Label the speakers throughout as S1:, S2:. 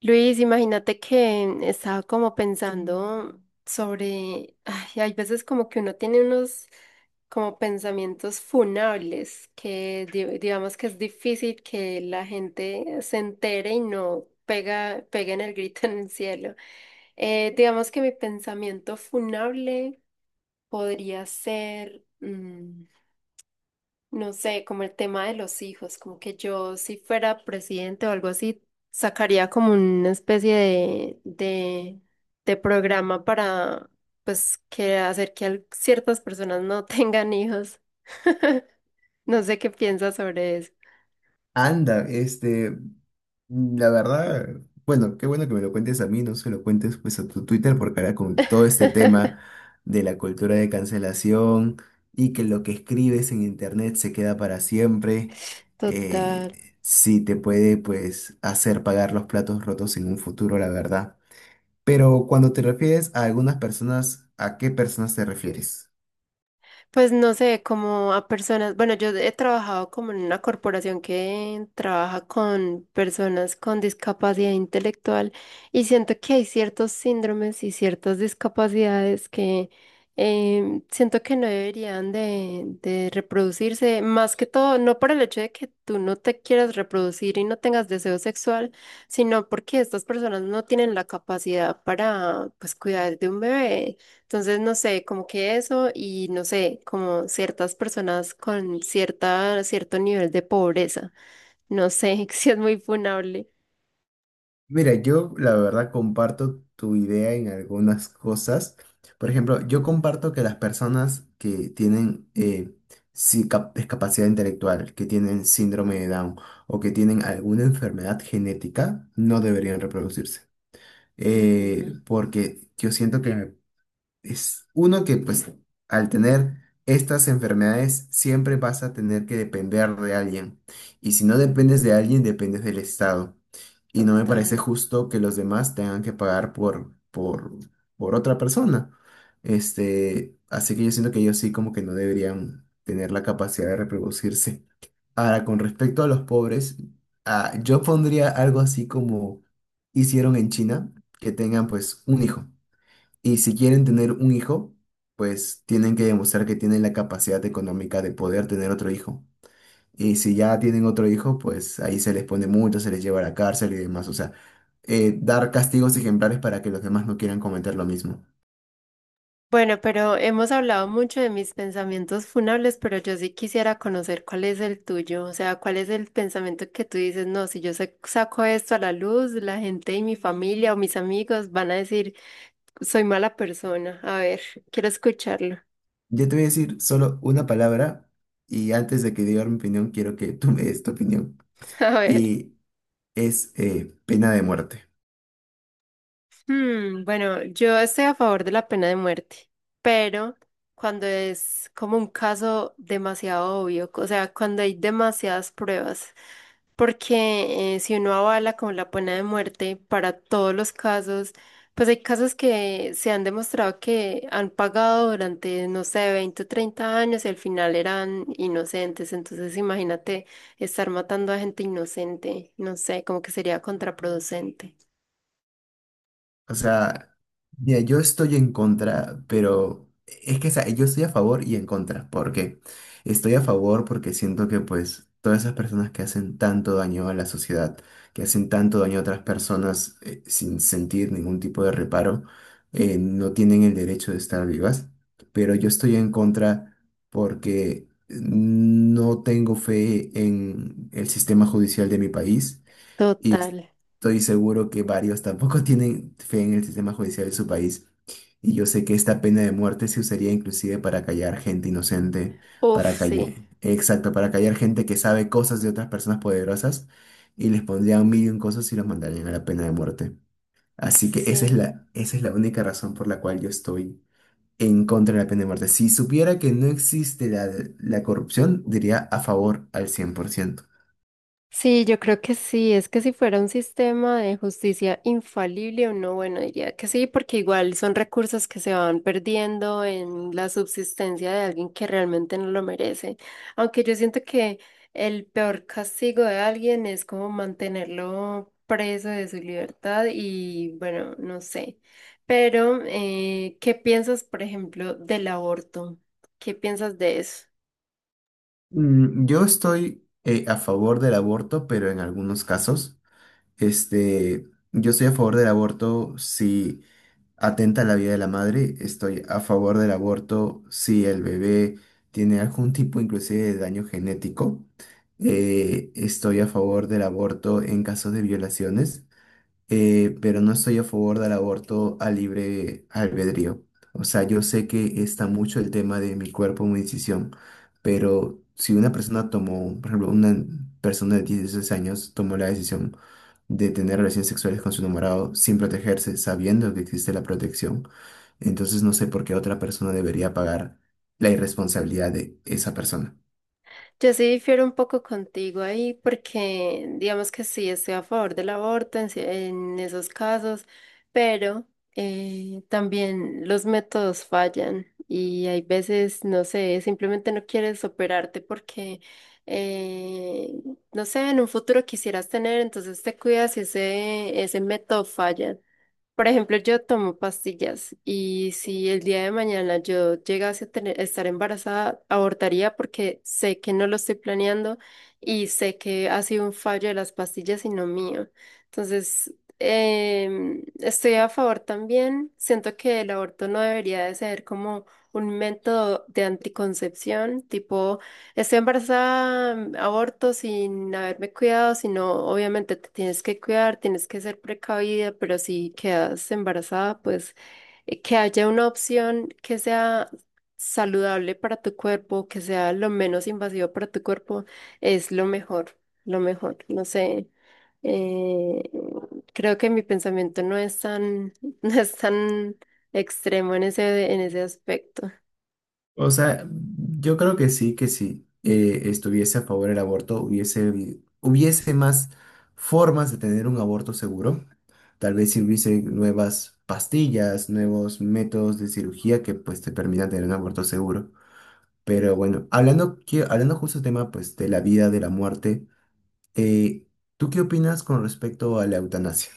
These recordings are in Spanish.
S1: Luis, imagínate que estaba como pensando sobre, ay, hay veces como que uno tiene unos como pensamientos funables que digamos que es difícil que la gente se entere y no pegue en el grito en el cielo. Digamos que mi pensamiento funable podría ser, no sé, como el tema de los hijos, como que yo si fuera presidente o algo así, sacaría como una especie de programa para, pues, que hacer que ciertas personas no tengan hijos. No sé qué piensas sobre eso.
S2: Anda, este, la verdad, bueno, qué bueno que me lo cuentes a mí, no se lo cuentes pues a tu Twitter, porque ahora con todo este tema de la cultura de cancelación y que lo que escribes en internet se queda para siempre,
S1: Total.
S2: eh, sí te puede pues hacer pagar los platos rotos en un futuro, la verdad. Pero cuando te refieres a algunas personas, ¿a qué personas te refieres?
S1: Pues no sé, como a personas, bueno, yo he trabajado como en una corporación que trabaja con personas con discapacidad intelectual y siento que hay ciertos síndromes y ciertas discapacidades que siento que no deberían de reproducirse, más que todo, no por el hecho de que tú no te quieras reproducir y no tengas deseo sexual, sino porque estas personas no tienen la capacidad para, pues, cuidar de un bebé. Entonces, no sé, como que eso y no sé, como ciertas personas con cierto nivel de pobreza. No sé si es muy funable.
S2: Mira, yo la verdad comparto tu idea en algunas cosas. Por ejemplo, yo comparto que las personas que tienen sí, discapacidad intelectual, que tienen síndrome de Down o que tienen alguna enfermedad genética, no deberían reproducirse.
S1: Ujú,
S2: Porque yo siento que es uno que pues al tener estas enfermedades siempre vas a tener que depender de alguien. Y si no dependes de alguien, dependes del Estado. Y no me parece
S1: total.
S2: justo que los demás tengan que pagar por otra persona. Este, así que yo siento que ellos sí como que no deberían tener la capacidad de reproducirse. Ahora, con respecto a los pobres, ah, yo pondría algo así como hicieron en China, que tengan pues un hijo. Y si quieren tener un hijo, pues tienen que demostrar que tienen la capacidad económica de poder tener otro hijo. Y si ya tienen otro hijo, pues ahí se les pone mucho, se les lleva a la cárcel y demás. O sea, dar castigos ejemplares para que los demás no quieran cometer lo mismo.
S1: Bueno, pero hemos hablado mucho de mis pensamientos funables, pero yo sí quisiera conocer cuál es el tuyo, o sea, cuál es el pensamiento que tú dices, no, si yo saco esto a la luz, la gente y mi familia o mis amigos van a decir, soy mala persona. A ver, quiero escucharlo.
S2: Yo te voy a decir solo una palabra y antes de que diga mi opinión, quiero que tú me des tu opinión.
S1: A ver.
S2: Y es pena de muerte.
S1: Hmm, bueno, yo estoy a favor de la pena de muerte, pero cuando es como un caso demasiado obvio, o sea, cuando hay demasiadas pruebas, porque si uno avala con la pena de muerte para todos los casos, pues hay casos que se han demostrado que han pagado durante, no sé, 20 o 30 años y al final eran inocentes, entonces imagínate estar matando a gente inocente, no sé, como que sería contraproducente.
S2: O sea, mira, yo estoy en contra, pero es que, o sea, yo estoy a favor y en contra. ¿Por qué? Estoy a favor porque siento que, pues, todas esas personas que hacen tanto daño a la sociedad, que hacen tanto daño a otras personas sin sentir ningún tipo de reparo, no tienen el derecho de estar vivas. Pero yo estoy en contra porque no tengo fe en el sistema judicial de mi país y
S1: Total.
S2: estoy seguro que varios tampoco tienen fe en el sistema judicial de su país. Y yo sé que esta pena de muerte se usaría inclusive para callar gente inocente,
S1: Uf,
S2: para callar,
S1: sí,
S2: exacto, para callar gente que sabe cosas de otras personas poderosas y les pondrían mil y un cosas y los mandarían a la pena de muerte. Así que
S1: sí.
S2: esa es la única razón por la cual yo estoy en contra de la pena de muerte. Si supiera que no existe la corrupción, diría a favor al 100%.
S1: Sí, yo creo que sí. Es que si fuera un sistema de justicia infalible o no, bueno, diría que sí, porque igual son recursos que se van perdiendo en la subsistencia de alguien que realmente no lo merece. Aunque yo siento que el peor castigo de alguien es como mantenerlo preso de su libertad y bueno, no sé. Pero, ¿qué piensas, por ejemplo, del aborto? ¿Qué piensas de eso?
S2: Yo estoy a favor del aborto, pero en algunos casos, este, yo estoy a favor del aborto si atenta a la vida de la madre, estoy a favor del aborto si el bebé tiene algún tipo inclusive de daño genético, estoy a favor del aborto en casos de violaciones, pero no estoy a favor del aborto a libre albedrío. O sea, yo sé que está mucho el tema de mi cuerpo, mi decisión, pero si una persona tomó, por ejemplo, una persona de 16 años tomó la decisión de tener relaciones sexuales con su enamorado sin protegerse, sabiendo que existe la protección, entonces no sé por qué otra persona debería pagar la irresponsabilidad de esa persona.
S1: Yo sí difiero un poco contigo ahí porque digamos que sí estoy a favor del aborto en, en esos casos, pero también los métodos fallan y hay veces, no sé, simplemente no quieres operarte porque, eh, no sé, en un futuro quisieras tener, entonces te cuidas y ese método falla. Por ejemplo, yo tomo pastillas y si el día de mañana yo llegase a tener, estar embarazada, abortaría porque sé que no lo estoy planeando y sé que ha sido un fallo de las pastillas y no mío. Entonces, estoy a favor también. Siento que el aborto no debería de ser como un método de anticoncepción, tipo estoy embarazada, aborto sin haberme cuidado, sino obviamente te tienes que cuidar, tienes que ser precavida, pero si quedas embarazada, pues que haya una opción que sea saludable para tu cuerpo, que sea lo menos invasivo para tu cuerpo, es lo mejor, lo mejor. No sé, eh, creo que mi pensamiento no es tan, no es tan extremo en ese aspecto.
S2: O sea, yo creo que sí, que si estuviese a favor del aborto, hubiese, hubiese más formas de tener un aborto seguro. Tal vez si hubiese nuevas pastillas, nuevos métodos de cirugía que pues te permitan tener un aborto seguro. Pero bueno, hablando, hablando justo del tema pues de la vida, de la muerte, eh, ¿tú qué opinas con respecto a la eutanasia?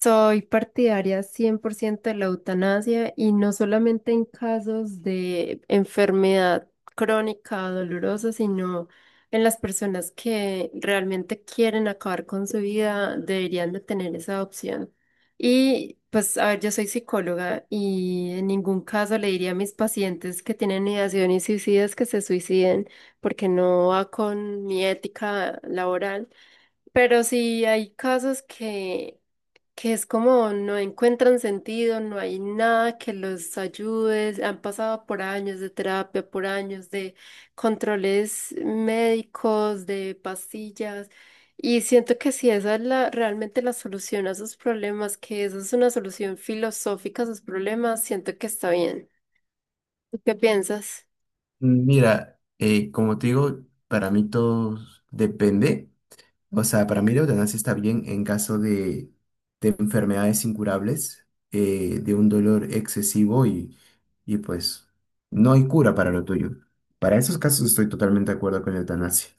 S1: Soy partidaria 100% de la eutanasia y no solamente en casos de enfermedad crónica dolorosa, sino en las personas que realmente quieren acabar con su vida, deberían de tener esa opción. Y pues, a ver, yo soy psicóloga y en ningún caso le diría a mis pacientes que tienen ideaciones suicidas que se suiciden porque no va con mi ética laboral. Pero sí hay casos que es como no encuentran sentido, no hay nada que los ayude, han pasado por años de terapia, por años de controles médicos, de pastillas, y siento que si esa es la, realmente la solución a sus problemas, que esa es una solución filosófica a sus problemas, siento que está bien. ¿Tú qué piensas?
S2: Mira, como te digo, para mí todo depende. O sea, para mí la eutanasia está bien en caso de enfermedades incurables, de un dolor excesivo y pues no hay cura para lo tuyo. Para esos casos estoy totalmente de acuerdo con la eutanasia.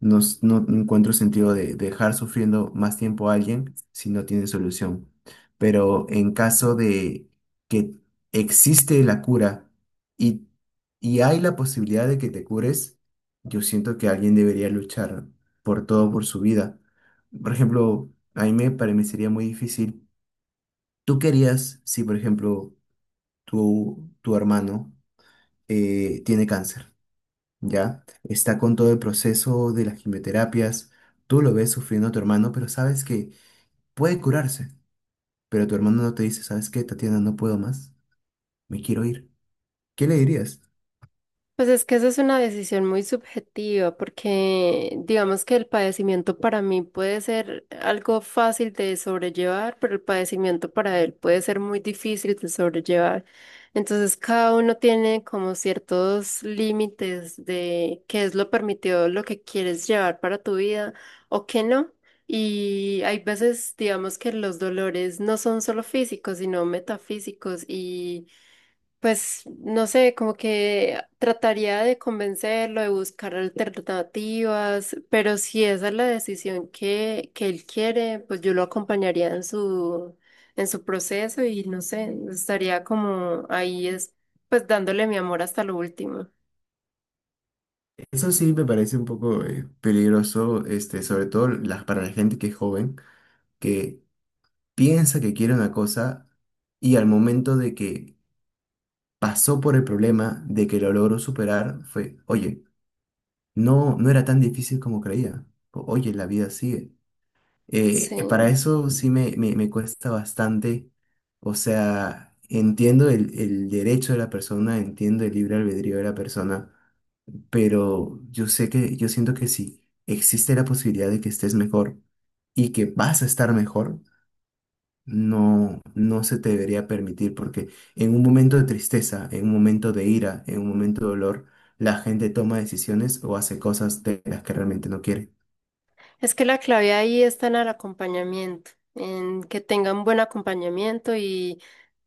S2: No, no encuentro sentido de dejar sufriendo más tiempo a alguien si no tiene solución. Pero en caso de que existe la cura y, y hay la posibilidad de que te cures, yo siento que alguien debería luchar por todo, por su vida. Por ejemplo, a mí me parecería muy difícil. ¿Tú querías si, por ejemplo, tu hermano tiene cáncer? Ya, está con todo el proceso de las quimioterapias, tú lo ves sufriendo a tu hermano, pero sabes que puede curarse, pero tu hermano no te dice, ¿sabes qué, Tatiana? No puedo más, me quiero ir. ¿Qué le dirías?
S1: Pues es que esa es una decisión muy subjetiva, porque digamos que el padecimiento para mí puede ser algo fácil de sobrellevar, pero el padecimiento para él puede ser muy difícil de sobrellevar. Entonces cada uno tiene como ciertos límites de qué es lo permitido, lo que quieres llevar para tu vida o qué no. Y hay veces, digamos que los dolores no son solo físicos, sino metafísicos y pues no sé, como que trataría de convencerlo, de buscar alternativas, pero si esa es la decisión que él quiere, pues yo lo acompañaría en su proceso y no sé, estaría como ahí es, pues dándole mi amor hasta lo último.
S2: Eso sí me parece un poco peligroso, este, sobre todo para la gente que es joven, que piensa que quiere una cosa y al momento de que pasó por el problema, de que lo logró superar, fue, oye, no, no era tan difícil como creía. Oye, la vida sigue. Para
S1: Sí.
S2: eso sí me cuesta bastante. O sea, entiendo el derecho de la persona, entiendo el libre albedrío de la persona, pero yo sé que, yo siento que si existe la posibilidad de que estés mejor y que vas a estar mejor, no se te debería permitir, porque en un momento de tristeza, en un momento de ira, en un momento de dolor, la gente toma decisiones o hace cosas de las que realmente no quiere.
S1: Es que la clave ahí está en el acompañamiento, en que tengan buen acompañamiento y,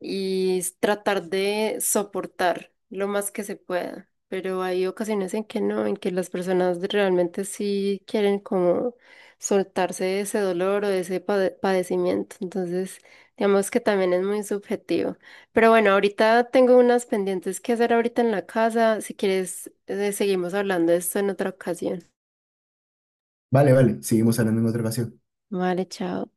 S1: y s- tratar de soportar lo más que se pueda. Pero hay ocasiones en que no, en que las personas realmente sí quieren como soltarse de ese dolor o de ese padecimiento. Entonces, digamos que también es muy subjetivo. Pero bueno, ahorita tengo unas pendientes que hacer ahorita en la casa. Si quieres, seguimos hablando de esto en otra ocasión.
S2: Vale, vale, seguimos hablando en otra ocasión.
S1: Vale, chao.